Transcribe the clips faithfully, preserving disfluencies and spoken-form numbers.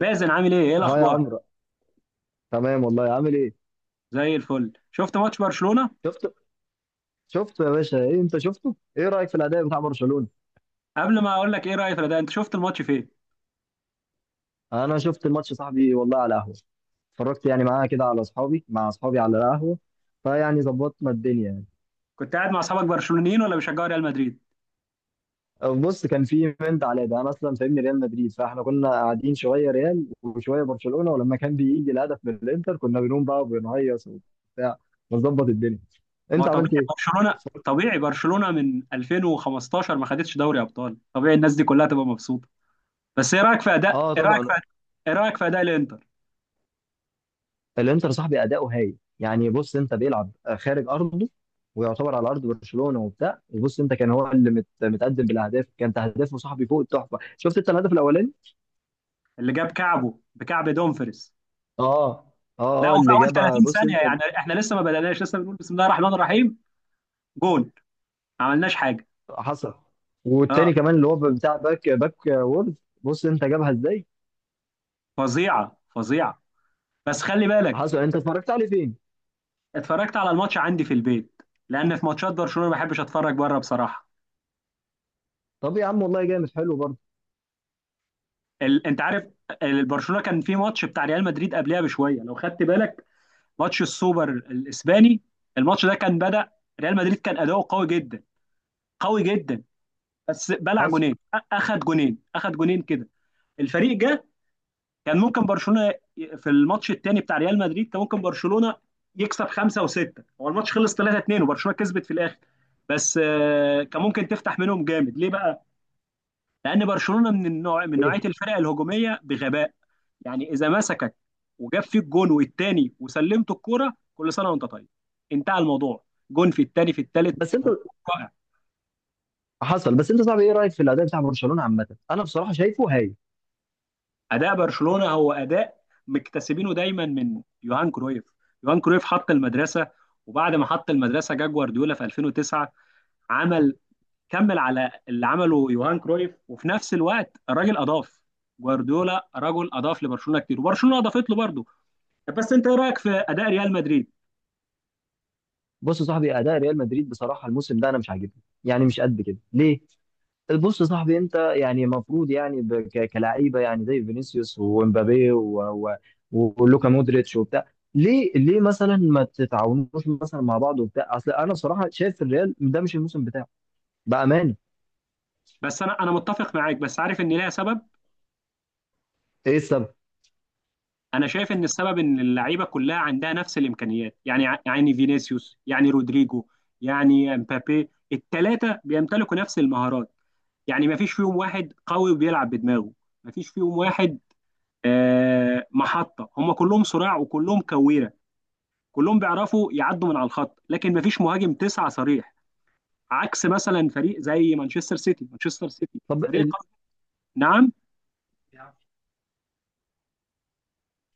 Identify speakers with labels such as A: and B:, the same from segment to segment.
A: باسل، عامل ايه؟ ايه
B: ها يا
A: الاخبار؟
B: عمرو. تمام والله، عامل ايه؟
A: زي الفل. شفت ماتش برشلونة؟
B: شفت شفت يا باشا؟ ايه انت شفته؟ ايه رايك في الاداء بتاع برشلونه؟
A: قبل ما اقول لك ايه رايي في ده، انت شفت الماتش فين؟
B: انا شفت الماتش صاحبي والله على قهوه. اتفرجت يعني معاها كده على اصحابي مع اصحابي على القهوه. فيعني ظبطنا الدنيا يعني.
A: كنت قاعد مع اصحابك برشلونيين ولا بيشجعوا ريال مدريد؟
B: بص، كان في منت على ده، انا اصلا فاهمني ريال مدريد، فاحنا كنا قاعدين شويه ريال وشويه برشلونه، ولما كان بيجي الهدف من الانتر كنا بنقوم بقى وبنهيص وبتاع، ونظبط الدنيا.
A: ما
B: انت عملت
A: طبيعي
B: ايه؟
A: برشلونة.
B: اتفرجت؟
A: طبيعي برشلونة من ألفين وخمستاشر ما خدتش دوري ابطال، طبيعي الناس دي كلها تبقى مبسوطة. بس ايه رايك في اداء،
B: اه،
A: ايه رايك في،
B: طبعا.
A: ايه رايك في اداء الانتر؟
B: الانتر صاحبي اداؤه هايل يعني، بص انت، بيلعب خارج ارضه ويعتبر على ارض برشلونه وبتاع. وبص انت، كان هو اللي مت... متقدم بالاهداف، كانت اهدافه صاحبي فوق التحفه. شفت انت الهدف الاولاني؟
A: اللي جاب كعبه بكعب دومفريس.
B: اه،
A: لا،
B: اه، اه،
A: وفي
B: اللي
A: اول
B: جابها
A: تلاتين
B: بص
A: ثانية
B: انت.
A: يعني، احنا لسه ما بدأناش، لسه بنقول بسم الله الرحمن الرحيم، جون. ما عملناش حاجة.
B: حصل.
A: اه.
B: والتاني كمان اللي هو بتاع باك باك وورد، بص انت، جابها ازاي؟
A: فظيعة فظيعة. بس خلي بالك،
B: حصل. انت اتفرجت عليه فين؟
A: اتفرجت على الماتش عندي في البيت لان في ماتشات برشلونه ما بحبش اتفرج بره بصراحه.
B: طب يا عم، والله جامد حلو برضه.
A: ال... انت عارف، ال- برشلونه كان في ماتش بتاع ريال مدريد قبلها بشويه لو خدت بالك، ماتش السوبر الاسباني. الماتش ده كان بدأ ريال مدريد كان اداؤه قوي جدا، قوي جدا، بس بلع
B: حصل
A: جونين، أ- اخد جونين، اخد جونين كده. الفريق جه، كان ممكن برشلونه ي- في الماتش الثاني بتاع ريال مدريد كان ممكن برشلونه يكسب خمسه وسته، هو الماتش خلص ثلاثة اتنين وبرشلونه كسبت في الاخر. بس آه، كان ممكن تفتح منهم جامد. ليه بقى؟ لان برشلونه من النوع، من نوعيه
B: ايه؟
A: الفرق الهجوميه بغباء، يعني اذا مسكك وجاب فيك جون والتاني وسلمت الكوره كل سنه وانت طيب، انتهى الموضوع. جون في التاني في التالت،
B: بس انت،
A: هو رائع.
B: حصل. بس انت صاحبي، ايه رايك في الاداء بتاع برشلونه عامه؟ انا بصراحه شايفه هايل.
A: اداء برشلونه هو اداء مكتسبينه دايما من يوهان كرويف. يوهان كرويف حط المدرسه، وبعد ما حط المدرسه جا جوارديولا في ألفين وتسعة، عمل، كمل على اللي عمله يوهان كرويف، وفي نفس الوقت الراجل اضاف. جوارديولا رجل اضاف لبرشلونه كتير وبرشلونه اضافت له برضه. بس انت، ايه رايك في اداء ريال مدريد؟
B: بص يا صاحبي، اداء ريال مدريد بصراحه الموسم ده انا مش عاجبني يعني، مش قد كده ليه. بص يا صاحبي، انت يعني المفروض يعني ب- ك- كلاعيبه يعني زي فينيسيوس ومبابي و- و- ولوكا مودريتش وبتاع. ليه ليه مثلا ما تتعاونوش مثلا مع بعض وبتاع؟ اصل انا بصراحه شايف الريال ده مش الموسم بتاعه بامانه.
A: بس انا انا متفق معاك، بس عارف ان ليها سبب.
B: ايه السبب؟
A: انا شايف ان السبب ان اللعيبه كلها عندها نفس الامكانيات، يعني ع- يعني فينيسيوس، يعني رودريجو، يعني امبابي، الثلاثه بيمتلكوا نفس المهارات. يعني ما فيش فيهم واحد قوي وبيلعب بدماغه، ما فيش فيهم واحد. آه، محطه، هم كلهم صراع وكلهم كويره، كلهم بيعرفوا يعدوا من على الخط، لكن ما فيش مهاجم تسعه صريح، عكس مثلا فريق زي مانشستر سيتي. مانشستر سيتي
B: طب
A: فريق
B: ال...
A: قوي. نعم.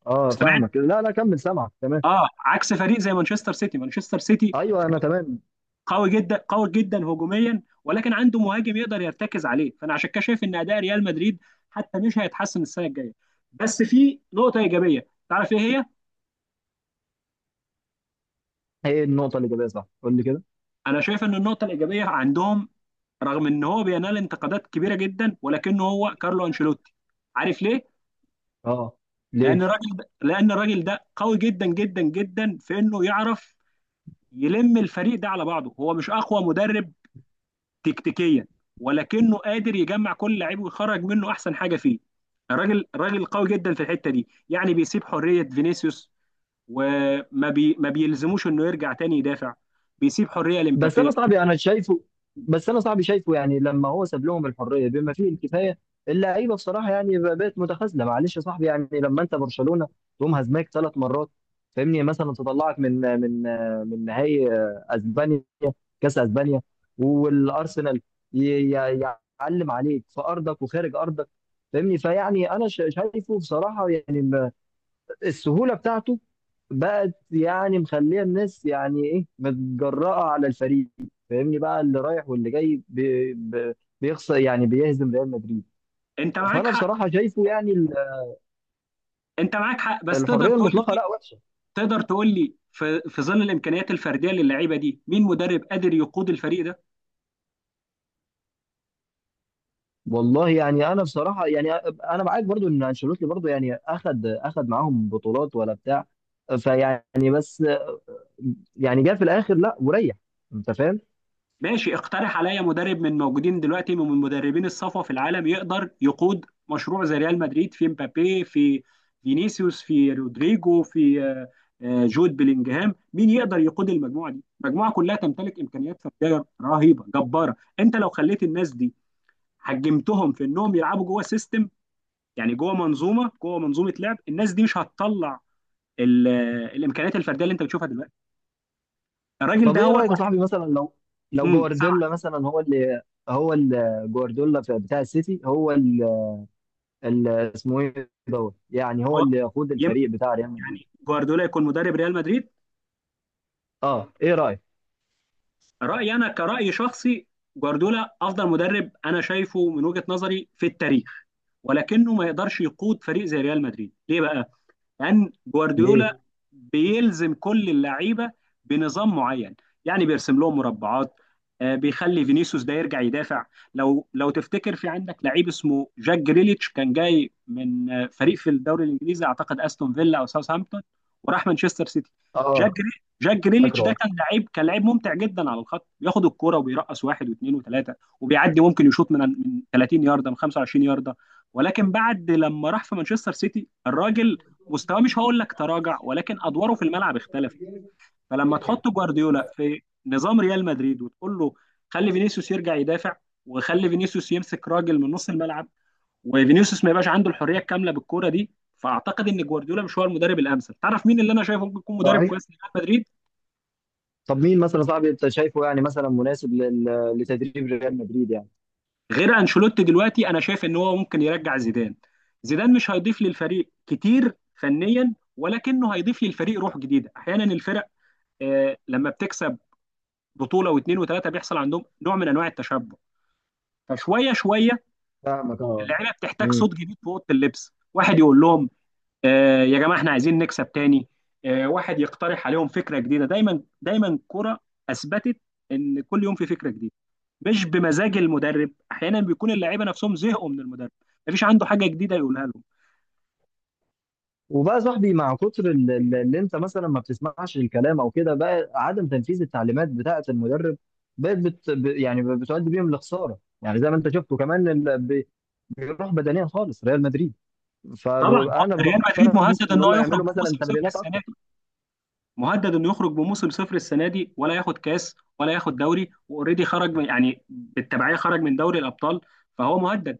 B: اه، فاهمك. لا لا، كمل سامعك تمام.
A: اه، عكس فريق زي مانشستر سيتي. مانشستر سيتي
B: ايوه، انا
A: فريق
B: تمام.
A: قوي جدا، قوي جدا هجوميا، ولكن عنده مهاجم يقدر يرتكز عليه، فانا عشان كده شايف ان اداء ريال مدريد حتى مش هيتحسن السنه الجايه. بس في نقطه ايجابيه، تعرف ايه هي؟
B: هي النقطه اللي جايبها صح، قول لي كده.
A: انا شايف ان النقطه الايجابيه عندهم، رغم ان هو بينال انتقادات كبيره جدا ولكنه، هو كارلو انشيلوتي. عارف ليه؟
B: اه، ليه؟
A: لان الراجل ده لان الراجل ده قوي جدا جدا جدا في انه يعرف يلم الفريق ده على بعضه. هو مش اقوى مدرب تكتيكيا، ولكنه قادر يجمع كل لعيب ويخرج منه احسن حاجه فيه. الراجل الراجل قوي جدا في الحته دي، يعني بيسيب حريه فينيسيوس، وما بي ما بيلزموش انه يرجع تاني يدافع، بيسيب حريه
B: بس انا
A: لمبابي.
B: صاحبي، انا شايفه. بس انا صاحبي شايفه يعني لما هو ساب لهم الحريه بما فيه الكفايه، اللعيبه بصراحه يعني بقت متخاذله. معلش يا صاحبي يعني، لما انت برشلونه تقوم هزمك ثلاث مرات، فاهمني، مثلا تطلعك من من من نهائي اسبانيا، كاس اسبانيا، والارسنال، ي- ي- يعلم عليك في ارضك وخارج ارضك. فاهمني، فيعني انا ش- شايفه بصراحه يعني السهوله بتاعته بقت يعني مخليه الناس يعني ايه متجرأه على الفريق. فاهمني بقى، اللي رايح واللي جاي بي بي- بيخسر، يعني بيهزم ريال مدريد.
A: انت معاك
B: فانا
A: حق
B: بصراحه شايفه يعني ال-
A: انت معاك حق بس تقدر
B: الحريه
A: تقول
B: المطلقه
A: لي،
B: لا وحشه.
A: تقدر تقول لي في، في ظل الامكانيات الفرديه للعيبه دي، مين مدرب قادر يقود الفريق ده؟
B: والله يعني، انا بصراحه يعني انا معاك برضو ان انشيلوتي برضو يعني اخد اخد معاهم بطولات ولا بتاع، فيعني بس يعني جه في الاخر لا، وريح. انت فاهم.
A: ماشي، اقترح عليا مدرب من موجودين دلوقتي، من مدربين الصفوة في العالم يقدر يقود مشروع زي ريال مدريد، في مبابي، في فينيسيوس، في رودريجو، في آه، آه، جود بلينجهام، مين يقدر يقود المجموعة دي؟ المجموعة كلها تمتلك إمكانيات فردية رهيبة جبارة. انت لو خليت الناس دي، حجمتهم في انهم يلعبوا جوه سيستم، يعني جوه منظومة، جوه منظومة لعب، الناس دي مش هتطلع ال- آه، الامكانيات الفردية اللي انت بتشوفها دلوقتي. الراجل
B: طب
A: ده
B: ايه
A: هو
B: رايك يا
A: الوحيد.
B: صاحبي، مثلا لو لو
A: امم سبعة.
B: جوارديولا مثلا، هو اللي هو اللي جوارديولا في- بتاع السيتي، هو اللي اللي اسمه ايه دوت، يعني هو
A: هو،
B: اللي يقود الفريق بتاع ريال مدريد؟
A: يعني جوارديولا يكون مدرب ريال مدريد؟
B: اه، ايه رايك؟
A: رأيي أنا كرأي شخصي، جوارديولا أفضل مدرب أنا شايفه من وجهة نظري في التاريخ، ولكنه ما يقدرش يقود فريق زي ريال مدريد. ليه بقى؟ لان
B: ليه؟
A: جوارديولا بيلزم كل اللعيبه بنظام معين، يعني بيرسم لهم مربعات. آه، بيخلي فينيسيوس ده يرجع يدافع. لو لو تفتكر، في عندك لعيب اسمه جاك جريليتش، كان جاي من آه، فريق في الدوري الانجليزي، اعتقد استون فيلا او ساوثهامبتون، وراح مانشستر سيتي. جاك
B: اه،
A: جري- جاك جريليتش ده
B: فاكره.
A: كان لعيب، كان لعيب ممتع جدا على الخط، بياخد الكرة وبيرقص واحد واثنين وثلاثه وبيعدي، ممكن يشوط من، من تلاتين يارده، من خمسة وعشرين يارده. ولكن بعد لما راح في مانشستر سيتي، الراجل مستواه مش هقول لك تراجع، ولكن ادواره في الملعب اختلفت. فلما تحط جوارديولا في نظام ريال مدريد وتقول له خلي فينيسيوس يرجع يدافع، وخلي فينيسيوس يمسك راجل من نص الملعب، وفينيسيوس ما يبقاش عنده الحريه الكامله بالكوره دي، فاعتقد ان جوارديولا مش هو المدرب الامثل. تعرف مين اللي انا شايفه ممكن يكون مدرب
B: صحيح.
A: كويس لريال مدريد
B: طب مين مثلا صاحبي انت شايفه يعني مثلا مناسب لل- لتدريب ريال مدريد يعني؟
A: غير انشيلوتي دلوقتي؟ انا شايف ان هو ممكن يرجع زيدان. زيدان مش هيضيف للفريق كتير فنيا، ولكنه هيضيف للفريق روح جديده. احيانا الفرق، آه، لما بتكسب بطوله واثنين وثلاثه، بيحصل عندهم نوع من انواع التشبع، فشويه شويه
B: فاهمك اه.
A: اللعيبه بتحتاج صوت جديد في اوضه اللبس، واحد يقول لهم آه يا جماعه، احنا عايزين نكسب تاني. آه، واحد يقترح عليهم فكره جديده، دايما دايما كرة اثبتت ان كل يوم في فكره جديده، مش بمزاج المدرب. احيانا بيكون اللعيبه نفسهم زهقوا من المدرب، مفيش عنده حاجه جديده يقولها لهم.
B: وبقى يا صاحبي مع كتر ال- ال- اللي انت مثلا ما بتسمعش الكلام او كده بقى عدم تنفيذ التعليمات بتاعه المدرب بقت بت ب- يعني بتؤدي بيهم لخساره يعني زي ما انت شفته كمان ال- بي- بيروح بدنيا خالص ريال مدريد
A: طبعا،
B: فانا
A: ريال مدريد
B: بقترح مثلا
A: مهدد
B: ان
A: ان
B: هم
A: هو يخرج
B: يعملوا مثلا
A: بموسم صفر
B: تمرينات
A: السنه
B: اكتر
A: دي، مهدد انه يخرج بموسم صفر السنه دي، ولا ياخد كاس ولا ياخد دوري، واوريدي خرج من، يعني بالتبعيه خرج من دوري الابطال، فهو مهدد.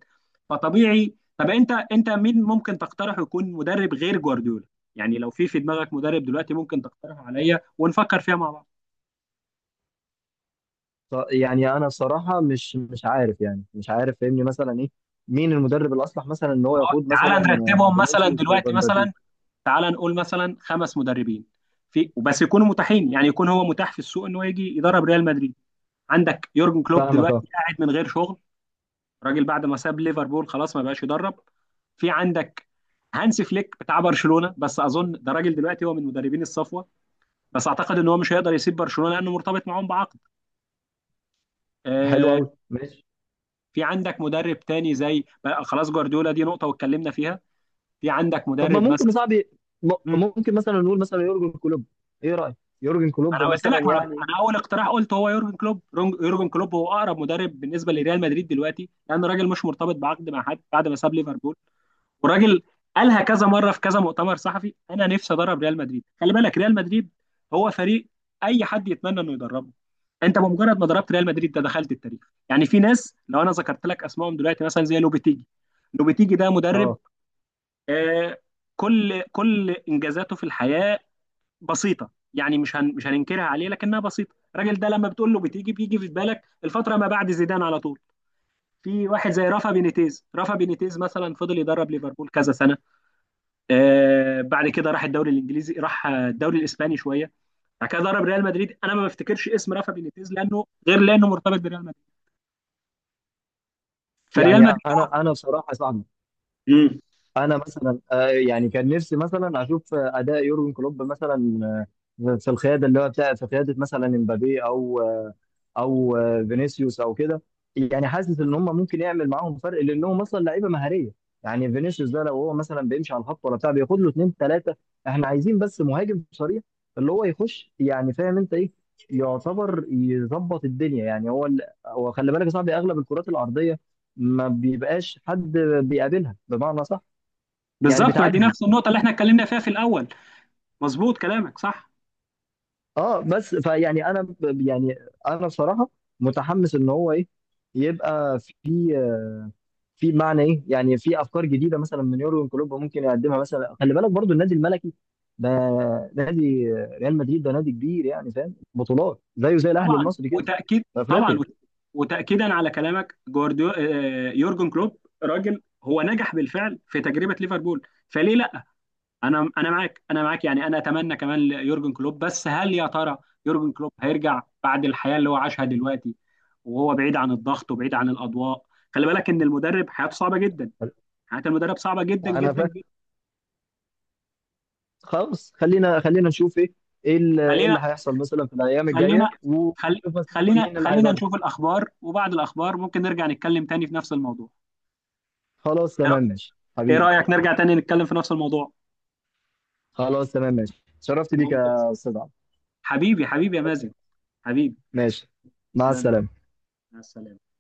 A: فطبيعي، طب انت، انت مين ممكن تقترحه يكون مدرب غير جوارديولا؟ يعني لو في، في دماغك مدرب دلوقتي، ممكن تقترحه عليا ونفكر فيها مع بعض.
B: ف- يعني انا الصراحه مش مش عارف يعني مش عارف فاهمني مثلا ايه مين المدرب الاصلح مثلا ان هو
A: آه،
B: يقود مثلا
A: تعال نرتبهم مثلا
B: فينيسيوس
A: دلوقتي،
B: ومبابي
A: مثلا تعال نقول مثلا خمس مدربين في، وبس يكونوا متاحين، يعني يكون هو متاح في السوق انه يجي يدرب ريال مدريد. عندك يورجن كلوب
B: فاهمك اه
A: دلوقتي قاعد من غير شغل، الراجل بعد ما ساب ليفربول خلاص ما بقاش يدرب. في عندك هانسي فليك بتاع برشلونه، بس اظن ده راجل دلوقتي هو من مدربين الصفوه، بس اعتقد ان هو مش هيقدر يسيب برشلونه لانه مرتبط معاهم بعقد.
B: حلو
A: آه.
B: قوي.
A: في عندك مدرب تاني زي، بقى خلاص جوارديولا دي نقطه واتكلمنا فيها. في عندك
B: طب ما
A: مدرب
B: ممكن يا
A: مثلا.
B: صاحبي م-
A: مم.
B: ممكن مثلا نقول مثلا يورجن كلوب؟ ايه رايك؟ يورجن كلوب
A: انا قلت
B: مثلا
A: لك، ما انا،
B: يعني.
A: أنا اول اقتراح قلت هو يورجن كلوب. رونج- يورجن كلوب هو اقرب مدرب بالنسبه لريال مدريد دلوقتي، لان الراجل مش مرتبط بعقد مع حد بعد ما ساب ليفربول. وراجل قالها كذا مره في كذا مؤتمر صحفي، انا نفسي ادرب ريال مدريد. خلي بالك، ريال مدريد هو فريق اي حد يتمنى انه يدربه. انت بمجرد ما ضربت ريال مدريد ده دخلت التاريخ. يعني في ناس لو انا ذكرت لك اسمائهم دلوقتي، مثلا زي لوبيتيجي. لوبيتيجي ده مدرب،
B: اه،
A: آه، كل، كل انجازاته في الحياه بسيطه، يعني مش هن، مش هننكرها عليه لكنها بسيطه. الراجل ده لما بتقول له بتيجي، بيجي في بالك الفتره ما بعد زيدان على طول. في واحد زي رافا بينيتيز، رافا بينيتيز مثلا فضل يدرب ليفربول كذا سنه، آه، بعد كده راح الدوري الانجليزي، راح آه، الدوري الاسباني شويه، بعد كده ضرب ريال مدريد. انا ما بفتكرش اسم رافا بينيتيز لانه غير، لانه مرتبط بريال مدريد، فريال
B: يعني
A: مدريد.
B: انا انا بصراحه يا صاحبي،
A: امم
B: انا مثلا آه يعني كان نفسي مثلا اشوف آه، اداء يورجن كلوب مثلا آه، في القياده اللي هو بتاع، في قياده مثلا امبابي او او آه، فينيسيوس او كده. يعني حاسس ان هم ممكن يعمل معاهم فرق لانهم مثلا لعيبه مهاريه. يعني فينيسيوس ده لو هو مثلا بيمشي على الخط ولا بتاع بياخد له اثنين ثلاثه. احنا عايزين بس مهاجم صريح اللي هو يخش، يعني فاهم انت ايه، يعتبر يظبط الدنيا يعني. هو ال... هو خلي بالك يا صاحبي، اغلب الكرات الارضيه ما بيبقاش حد بيقابلها بمعنى صح، يعني
A: بالظبط، ما دي
B: بتعدي.
A: نفس النقطه اللي احنا اتكلمنا فيها في الاول. مظبوط، كلامك صح.
B: اه، بس فيعني انا ب- يعني انا بصراحه متحمس ان هو ايه، يبقى في آه، في معنى ايه، يعني في افكار جديده مثلا من يورجن كلوب ممكن يقدمها. مثلا خلي بالك برضو النادي الملكي ده، نادي ريال مدريد ده نادي كبير يعني فاهم، بطولات زيه زي الاهلي
A: طبعا
B: المصري كده
A: وتاكيد،
B: في
A: طبعا
B: افريقيا.
A: وت- وتاكيدا على كلامك، جوارديو آه، يورجن كلوب راجل هو نجح بالفعل في تجربه ليفربول، فليه؟ انا، انا معاك انا معاك يعني، انا اتمنى كمان ليورجن كلوب، بس هل يا ترى يورجن كلوب هيرجع بعد الحياه اللي هو عاشها دلوقتي وهو بعيد عن الضغط وبعيد عن الاضواء؟ خلي بالك ان المدرب حياته صعبه جدا، حياه المدرب صعبه جدا
B: انا
A: جدا
B: فاهم.
A: جدا.
B: خلاص، خلينا خلينا نشوف ايه، ايه اللي إيه
A: خلينا
B: اللي هيحصل مثلا في الايام
A: خلينا
B: الجايه،
A: خل...
B: ونشوف مثلا
A: خلينا
B: مين اللي
A: خلينا
B: هيدرب.
A: نشوف الاخبار، وبعد الاخبار ممكن نرجع نتكلم تاني في نفس الموضوع.
B: خلاص
A: ايه رأ-
B: تمام، ماشي
A: إيه
B: حبيبي.
A: رايك نرجع تاني نتكلم في نفس الموضوع؟
B: خلاص تمام، ماشي، شرفت بيك
A: ممتاز.
B: يا استاذ عمرو.
A: حبيبي حبيبي يا مازن،
B: أوكي.
A: حبيبي،
B: ماشي، مع
A: تسلم لي.
B: السلامه.
A: مع السلامه.